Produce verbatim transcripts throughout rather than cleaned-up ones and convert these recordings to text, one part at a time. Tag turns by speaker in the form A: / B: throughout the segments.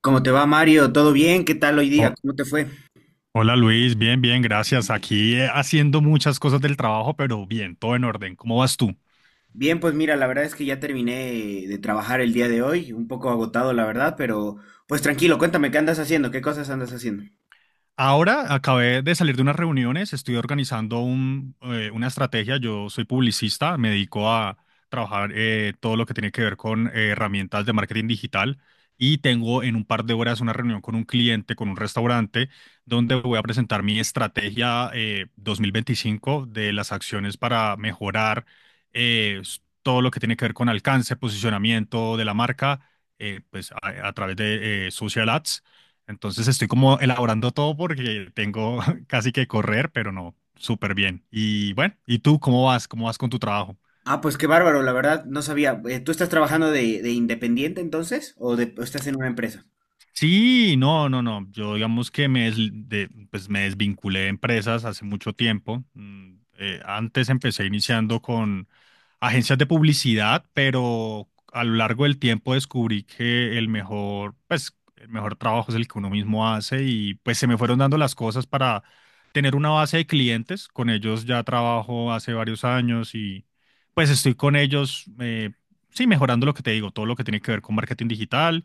A: ¿Cómo te va, Mario? ¿Todo bien? ¿Qué tal hoy
B: Oh,
A: día? ¿Cómo te fue?
B: hola Luis, bien, bien, gracias. Aquí eh, haciendo muchas cosas del trabajo, pero bien, todo en orden. ¿Cómo vas tú?
A: Bien, pues mira, la verdad es que ya terminé de trabajar el día de hoy, un poco agotado, la verdad, pero pues tranquilo, cuéntame, ¿qué andas haciendo? ¿Qué cosas andas haciendo?
B: Ahora acabé de salir de unas reuniones, estoy organizando un, eh, una estrategia. Yo soy publicista, me dedico a trabajar eh, todo lo que tiene que ver con eh, herramientas de marketing digital y tengo en un par de horas una reunión con un cliente, con un restaurante, donde voy a presentar mi estrategia eh, dos mil veinticinco de las acciones para mejorar eh, s- todo lo que tiene que ver con alcance, posicionamiento de la marca, eh, pues a, a través de eh, social ads. Entonces estoy como elaborando todo porque tengo casi que correr, pero no, súper bien. Y bueno, ¿y tú cómo vas? ¿Cómo vas con tu trabajo?
A: Ah, pues qué bárbaro, la verdad, no sabía. Eh, ¿Tú estás trabajando de, de independiente entonces? ¿O, de- o estás en una empresa?
B: Sí, no, no, no. Yo digamos que me, des- de- pues me desvinculé de empresas hace mucho tiempo. Mm, eh, antes empecé iniciando con agencias de publicidad, pero a lo largo del tiempo descubrí que el mejor, pues, el mejor trabajo es el que uno mismo hace y pues se me fueron dando las cosas para tener una base de clientes. Con ellos ya trabajo hace varios años y pues estoy con ellos, eh, sí, mejorando lo que te digo, todo lo que tiene que ver con marketing digital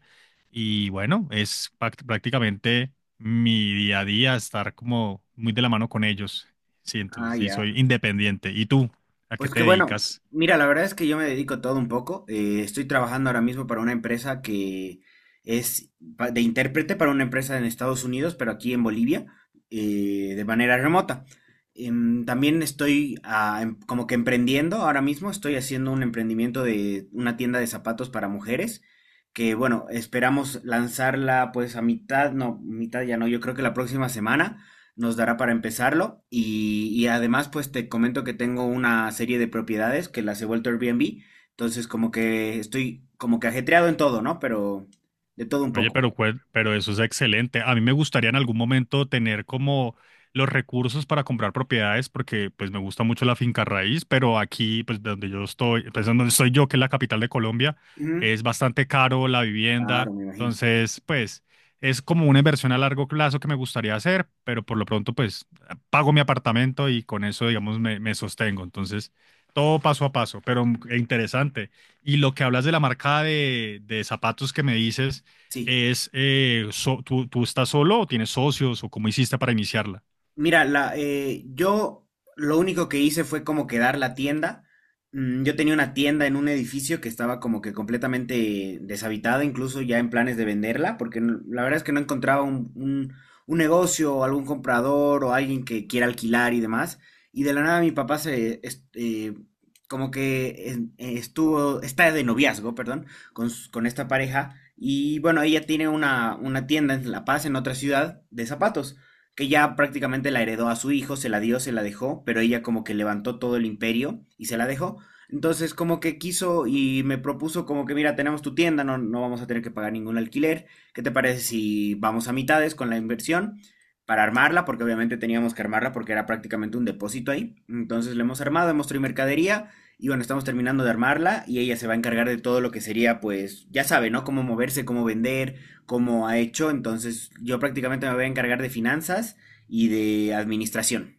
B: y bueno, es pac- prácticamente mi día a día estar como muy de la mano con ellos. Sí,
A: Ah,
B: entonces sí,
A: ya.
B: soy independiente. ¿Y tú? ¿A qué
A: Pues
B: te
A: que bueno,
B: dedicas?
A: mira, la verdad es que yo me dedico a todo un poco. Eh, estoy trabajando ahora mismo para una empresa que es pa- de intérprete para una empresa en Estados Unidos, pero aquí en Bolivia, eh, de manera remota. Em, también estoy ah, em- como que emprendiendo ahora mismo. Estoy haciendo un emprendimiento de una tienda de zapatos para mujeres, que bueno, esperamos lanzarla pues a mitad, no, mitad ya no, yo creo que la próxima semana nos dará para empezarlo. Y, y además, pues te comento que tengo una serie de propiedades que las he vuelto Airbnb. Entonces, como que estoy como que ajetreado en todo, ¿no? Pero de todo un
B: Oye,
A: poco.
B: pero, cuál- pero eso es excelente. A mí me gustaría en algún momento tener como los recursos para comprar propiedades porque pues me gusta mucho la finca raíz, pero aquí pues de donde yo estoy, pues donde estoy yo, que es la capital de Colombia,
A: Ujú.
B: es bastante caro la
A: Claro,
B: vivienda.
A: me imagino.
B: Entonces, pues es como una inversión a largo plazo que me gustaría hacer, pero por lo pronto pues pago mi apartamento y con eso digamos me, me sostengo. Entonces, todo paso a paso, pero mm, e interesante. Y lo que hablas de la marca de, de zapatos que me dices
A: Sí.
B: es, eh, so- ¿tú, tú estás solo o tienes socios o cómo hiciste para iniciarla?
A: Mira, la, eh, yo lo único que hice fue como quedar la tienda. Mm, Yo tenía una tienda en un edificio que estaba como que completamente deshabitada, incluso ya en planes de venderla, porque no- la verdad es que no encontraba un, un- un negocio o algún comprador o alguien que quiera alquilar y demás. Y de la nada mi papá se, es- eh, como que en- eh, estuvo, está de noviazgo, perdón, con, s- con esta pareja. Y bueno, ella tiene una, una tienda en La Paz, en otra ciudad, de zapatos que ya prácticamente la heredó a su hijo, se la dio, se la dejó, pero ella como que levantó todo el imperio y se la dejó. Entonces como que quiso y me propuso como que mira, tenemos tu tienda, no, no vamos a tener que pagar ningún alquiler. ¿Qué te parece si vamos a mitades con la inversión para armarla? Porque obviamente teníamos que armarla porque era prácticamente un depósito ahí. Entonces la hemos armado, hemos traído mercadería y bueno, estamos terminando de armarla y ella se va a encargar de todo lo que sería pues, ya sabe, ¿no? Cómo moverse, cómo vender, como ha hecho. Entonces yo prácticamente me voy a encargar de finanzas y de administración.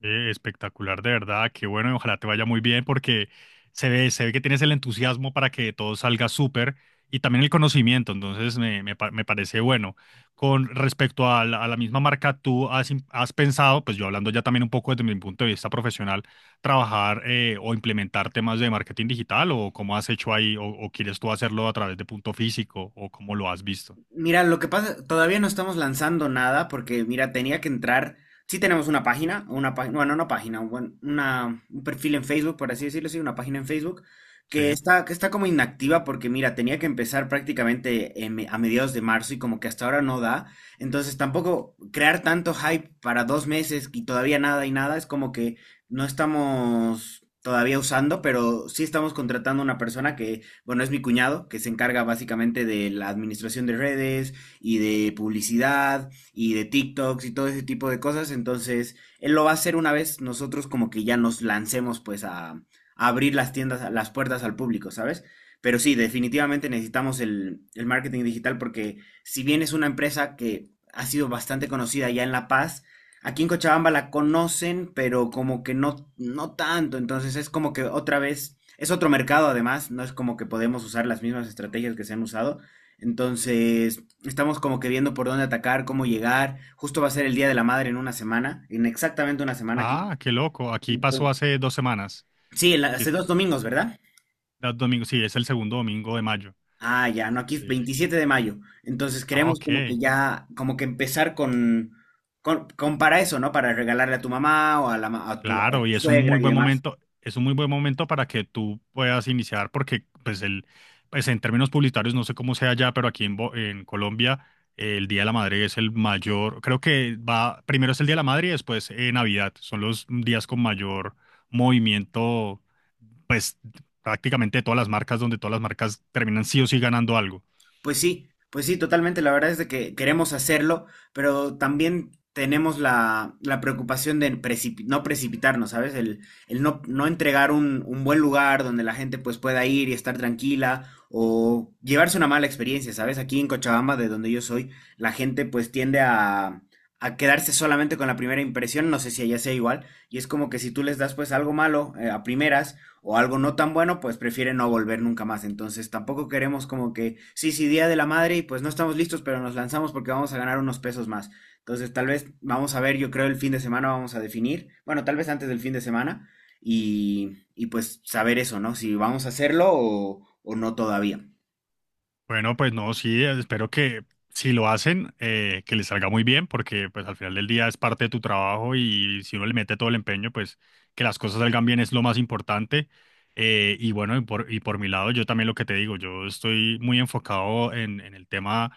B: Eh, espectacular, de verdad. Qué bueno, y ojalá te vaya muy bien porque se ve, se ve que tienes el entusiasmo para que todo salga súper y también el conocimiento. Entonces, me, me, pa- me parece bueno. Con respecto a la, a la misma marca, tú has, im- has pensado, pues yo hablando ya también un poco desde mi punto de vista profesional, trabajar eh, o implementar temas de marketing digital o cómo has hecho ahí o, o quieres tú hacerlo a través de punto físico o cómo lo has visto.
A: Mira, lo que pasa, todavía no estamos lanzando nada porque, mira, tenía que entrar. Sí tenemos una página, una página, bueno, una página, un, buen- una, un perfil en Facebook, por así decirlo, sí, una página en Facebook
B: Sí.
A: que está, que está como inactiva porque, mira, tenía que empezar prácticamente en me- a mediados de marzo y como que hasta ahora no da. Entonces, tampoco crear tanto hype para dos meses y todavía nada y nada es como que no estamos todavía usando, pero sí estamos contratando una persona que bueno, es mi cuñado, que se encarga básicamente de la administración de redes y de publicidad y de TikToks y todo ese tipo de cosas. Entonces, él lo va a hacer una vez nosotros como que ya nos lancemos pues a, a abrir las tiendas, las puertas al público, ¿sabes? Pero sí, definitivamente necesitamos el, el marketing digital porque si bien es una empresa que ha sido bastante conocida ya en La Paz, aquí en Cochabamba la conocen, pero como que no, no tanto. Entonces es como que otra vez es otro mercado además, no es como que podemos usar las mismas estrategias que se han usado. Entonces, estamos como que viendo por dónde atacar, cómo llegar. Justo va a ser el Día de la Madre en una semana, en exactamente una semana aquí.
B: Ah, qué loco. Aquí pasó
A: Entonces,
B: hace dos semanas.
A: sí, en la-
B: Aquí
A: hace dos
B: está.
A: domingos, ¿verdad?
B: Da domingo. Sí, es el segundo domingo de mayo.
A: Ah, ya, no,
B: Entonces,
A: aquí es
B: sí.
A: veintisiete de mayo. Entonces
B: Ah,
A: queremos como que
B: ok.
A: ya, como que empezar con, con, con, para eso, ¿no? Para regalarle a tu mamá o a, la, ma- a tu, a
B: Claro,
A: tu
B: y es un
A: suegra
B: muy
A: y
B: buen
A: demás.
B: momento. Es un muy buen momento para que tú puedas iniciar, porque pues el, pues en términos publicitarios, no sé cómo sea allá, pero aquí en, Bo- en Colombia, eh, el Día de la Madre es el mayor. Creo que va, primero es el Día de la Madre y después eh, Navidad. Son los días con mayor movimiento, pues prácticamente de todas las marcas, donde todas las marcas terminan sí o sí ganando algo.
A: Pues sí, pues sí, totalmente. La verdad es de que queremos hacerlo, pero también tenemos la, la preocupación de precipi- no precipitarnos, ¿sabes? El, el no, no entregar un, un buen lugar donde la gente pues pueda ir y estar tranquila o llevarse una mala experiencia, ¿sabes? Aquí en Cochabamba, de donde yo soy, la gente pues tiende a, a quedarse solamente con la primera impresión, no sé si allá sea igual, y es como que si tú les das pues algo malo, eh, a primeras, o algo no tan bueno, pues prefiere no volver nunca más. Entonces tampoco queremos como que, sí, sí, Día de la Madre y pues no estamos listos, pero nos lanzamos porque vamos a ganar unos pesos más. Entonces tal vez vamos a ver, yo creo el fin de semana vamos a definir, bueno, tal vez antes del fin de semana y, y pues saber eso, ¿no? Si vamos a hacerlo o, o no todavía.
B: Bueno, pues no, sí, eh, espero que si lo hacen, eh, que les salga muy bien, porque pues al final del día es parte de tu trabajo y si uno le mete todo el empeño, pues que las cosas salgan bien es lo más importante. Eh, y bueno, y por, y por mi lado, yo también lo que te digo, yo estoy muy enfocado en, en el tema,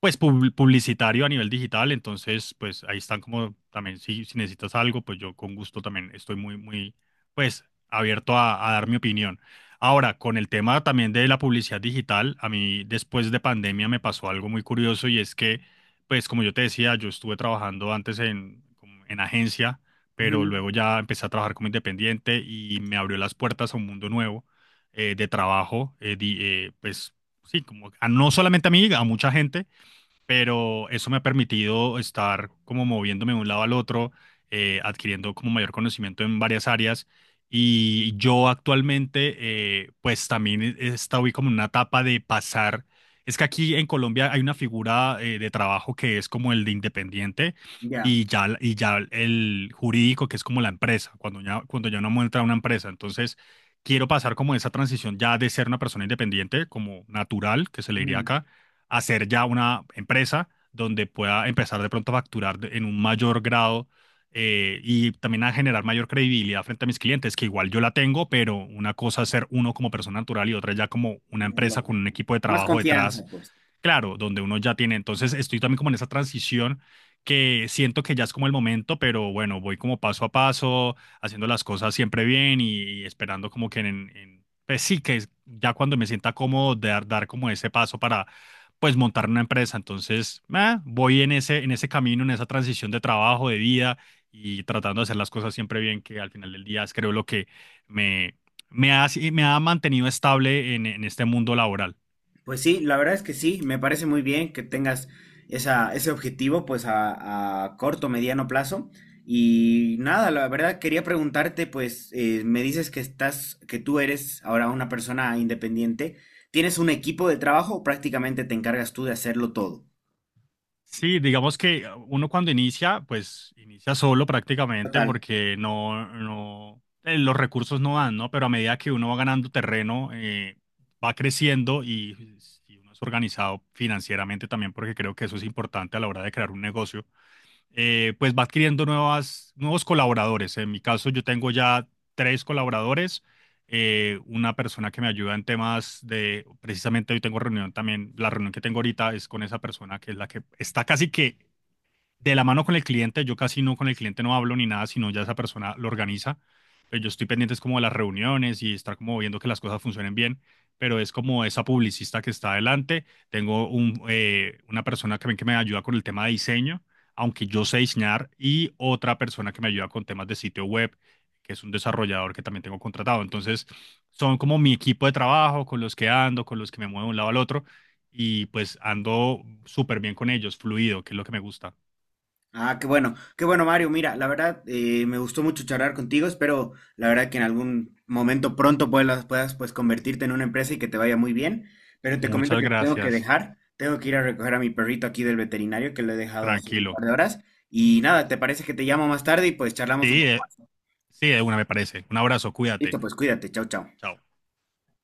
B: pues pub- publicitario a nivel digital, entonces pues ahí están como también, si, si necesitas algo, pues yo con gusto también estoy muy, muy, pues abierto a a dar mi opinión. Ahora, con el tema también de la publicidad digital, a mí después de pandemia me pasó algo muy curioso y es que, pues como yo te decía, yo estuve trabajando antes en, como en agencia, pero
A: Ujú.
B: luego ya empecé a trabajar como independiente y me abrió las puertas a un mundo nuevo eh, de trabajo, eh, di- eh, pues sí, como a- no solamente a mí, a mucha gente pero eso me ha permitido estar como moviéndome de un lado al otro, eh, adquiriendo como mayor conocimiento en varias áreas. Y yo actualmente, eh, pues también estoy como en una etapa de pasar. Es que aquí en Colombia hay una figura eh, de trabajo que es como el de independiente
A: Ya.
B: y ya, y ya el jurídico que es como la empresa, cuando ya, cuando ya uno muestra una empresa. Entonces, quiero pasar como esa transición ya de ser una persona independiente, como natural, que se le diría
A: Ujú.
B: acá, a ser ya una empresa donde pueda empezar de pronto a facturar de- en un mayor grado eh, y también a generar mayor credibilidad frente a mis clientes, que igual yo la tengo, pero una cosa es ser uno como persona natural y otra ya como una
A: la-
B: empresa con un equipo de
A: Más
B: trabajo detrás,
A: confianza, pues.
B: claro, donde uno ya tiene. Entonces estoy también como en esa transición que siento que ya es como el momento, pero bueno, voy como paso a paso, haciendo las cosas siempre bien y esperando como que en... en- pues sí, que es- ya cuando me sienta cómodo de dar, dar como ese paso para pues montar una empresa. Entonces, ah, voy en ese, en ese camino, en esa transición de trabajo, de vida y tratando de hacer las cosas siempre bien, que al final del día es creo lo que me, me ha, sí, me ha mantenido estable en, en este mundo laboral.
A: Pues sí, la verdad es que sí, me parece muy bien que tengas esa, ese objetivo pues a, a corto, mediano plazo. Y nada, la verdad quería preguntarte pues, eh, me dices que estás, que tú eres ahora una persona independiente. ¿Tienes un equipo de trabajo o prácticamente te encargas tú de hacerlo todo?
B: Sí, digamos que uno cuando inicia, pues inicia solo prácticamente
A: Total.
B: porque no, no, eh, los recursos no dan, ¿no? Pero a medida que uno va ganando terreno, eh, va creciendo y si uno es organizado financieramente también, porque creo que eso es importante a la hora de crear un negocio, eh, pues va adquiriendo nuevas, nuevos colaboradores. En mi caso, yo tengo ya tres colaboradores, eh, una persona que me ayuda en temas de, precisamente hoy tengo reunión también, la reunión que tengo ahorita es con esa persona que es la que está casi que de la mano con el cliente, yo casi no con el cliente no hablo ni nada, sino ya esa persona lo organiza. Pero yo estoy pendiente es como de las reuniones y estar como viendo que las cosas funcionen bien, pero es como esa publicista que está adelante. Tengo un, eh, una persona también que me ayuda con el tema de diseño, aunque yo sé diseñar, y otra persona que me ayuda con temas de sitio web, que es un desarrollador que también tengo contratado. Entonces, son como mi equipo de trabajo, con los que ando, con los que me muevo de un lado al otro, y pues ando súper bien con ellos, fluido, que es lo que me gusta.
A: Ah, qué bueno, qué bueno, Mario. Mira, la verdad, eh, me gustó mucho charlar contigo. Espero, la verdad, que en algún momento pronto puedas, puedas pues convertirte en una empresa y que te vaya muy bien. Pero te comento
B: Muchas
A: que te tengo que
B: gracias.
A: dejar. Tengo que ir a recoger a mi perrito aquí del veterinario que lo he dejado hace un
B: Tranquilo.
A: par de horas. Y nada, ¿te parece que te llamo más tarde y pues charlamos un
B: Sí,
A: poco
B: eh,
A: más?
B: sí, de una me parece. Un abrazo,
A: Listo,
B: cuídate.
A: pues cuídate. Chau, chau.
B: Chao.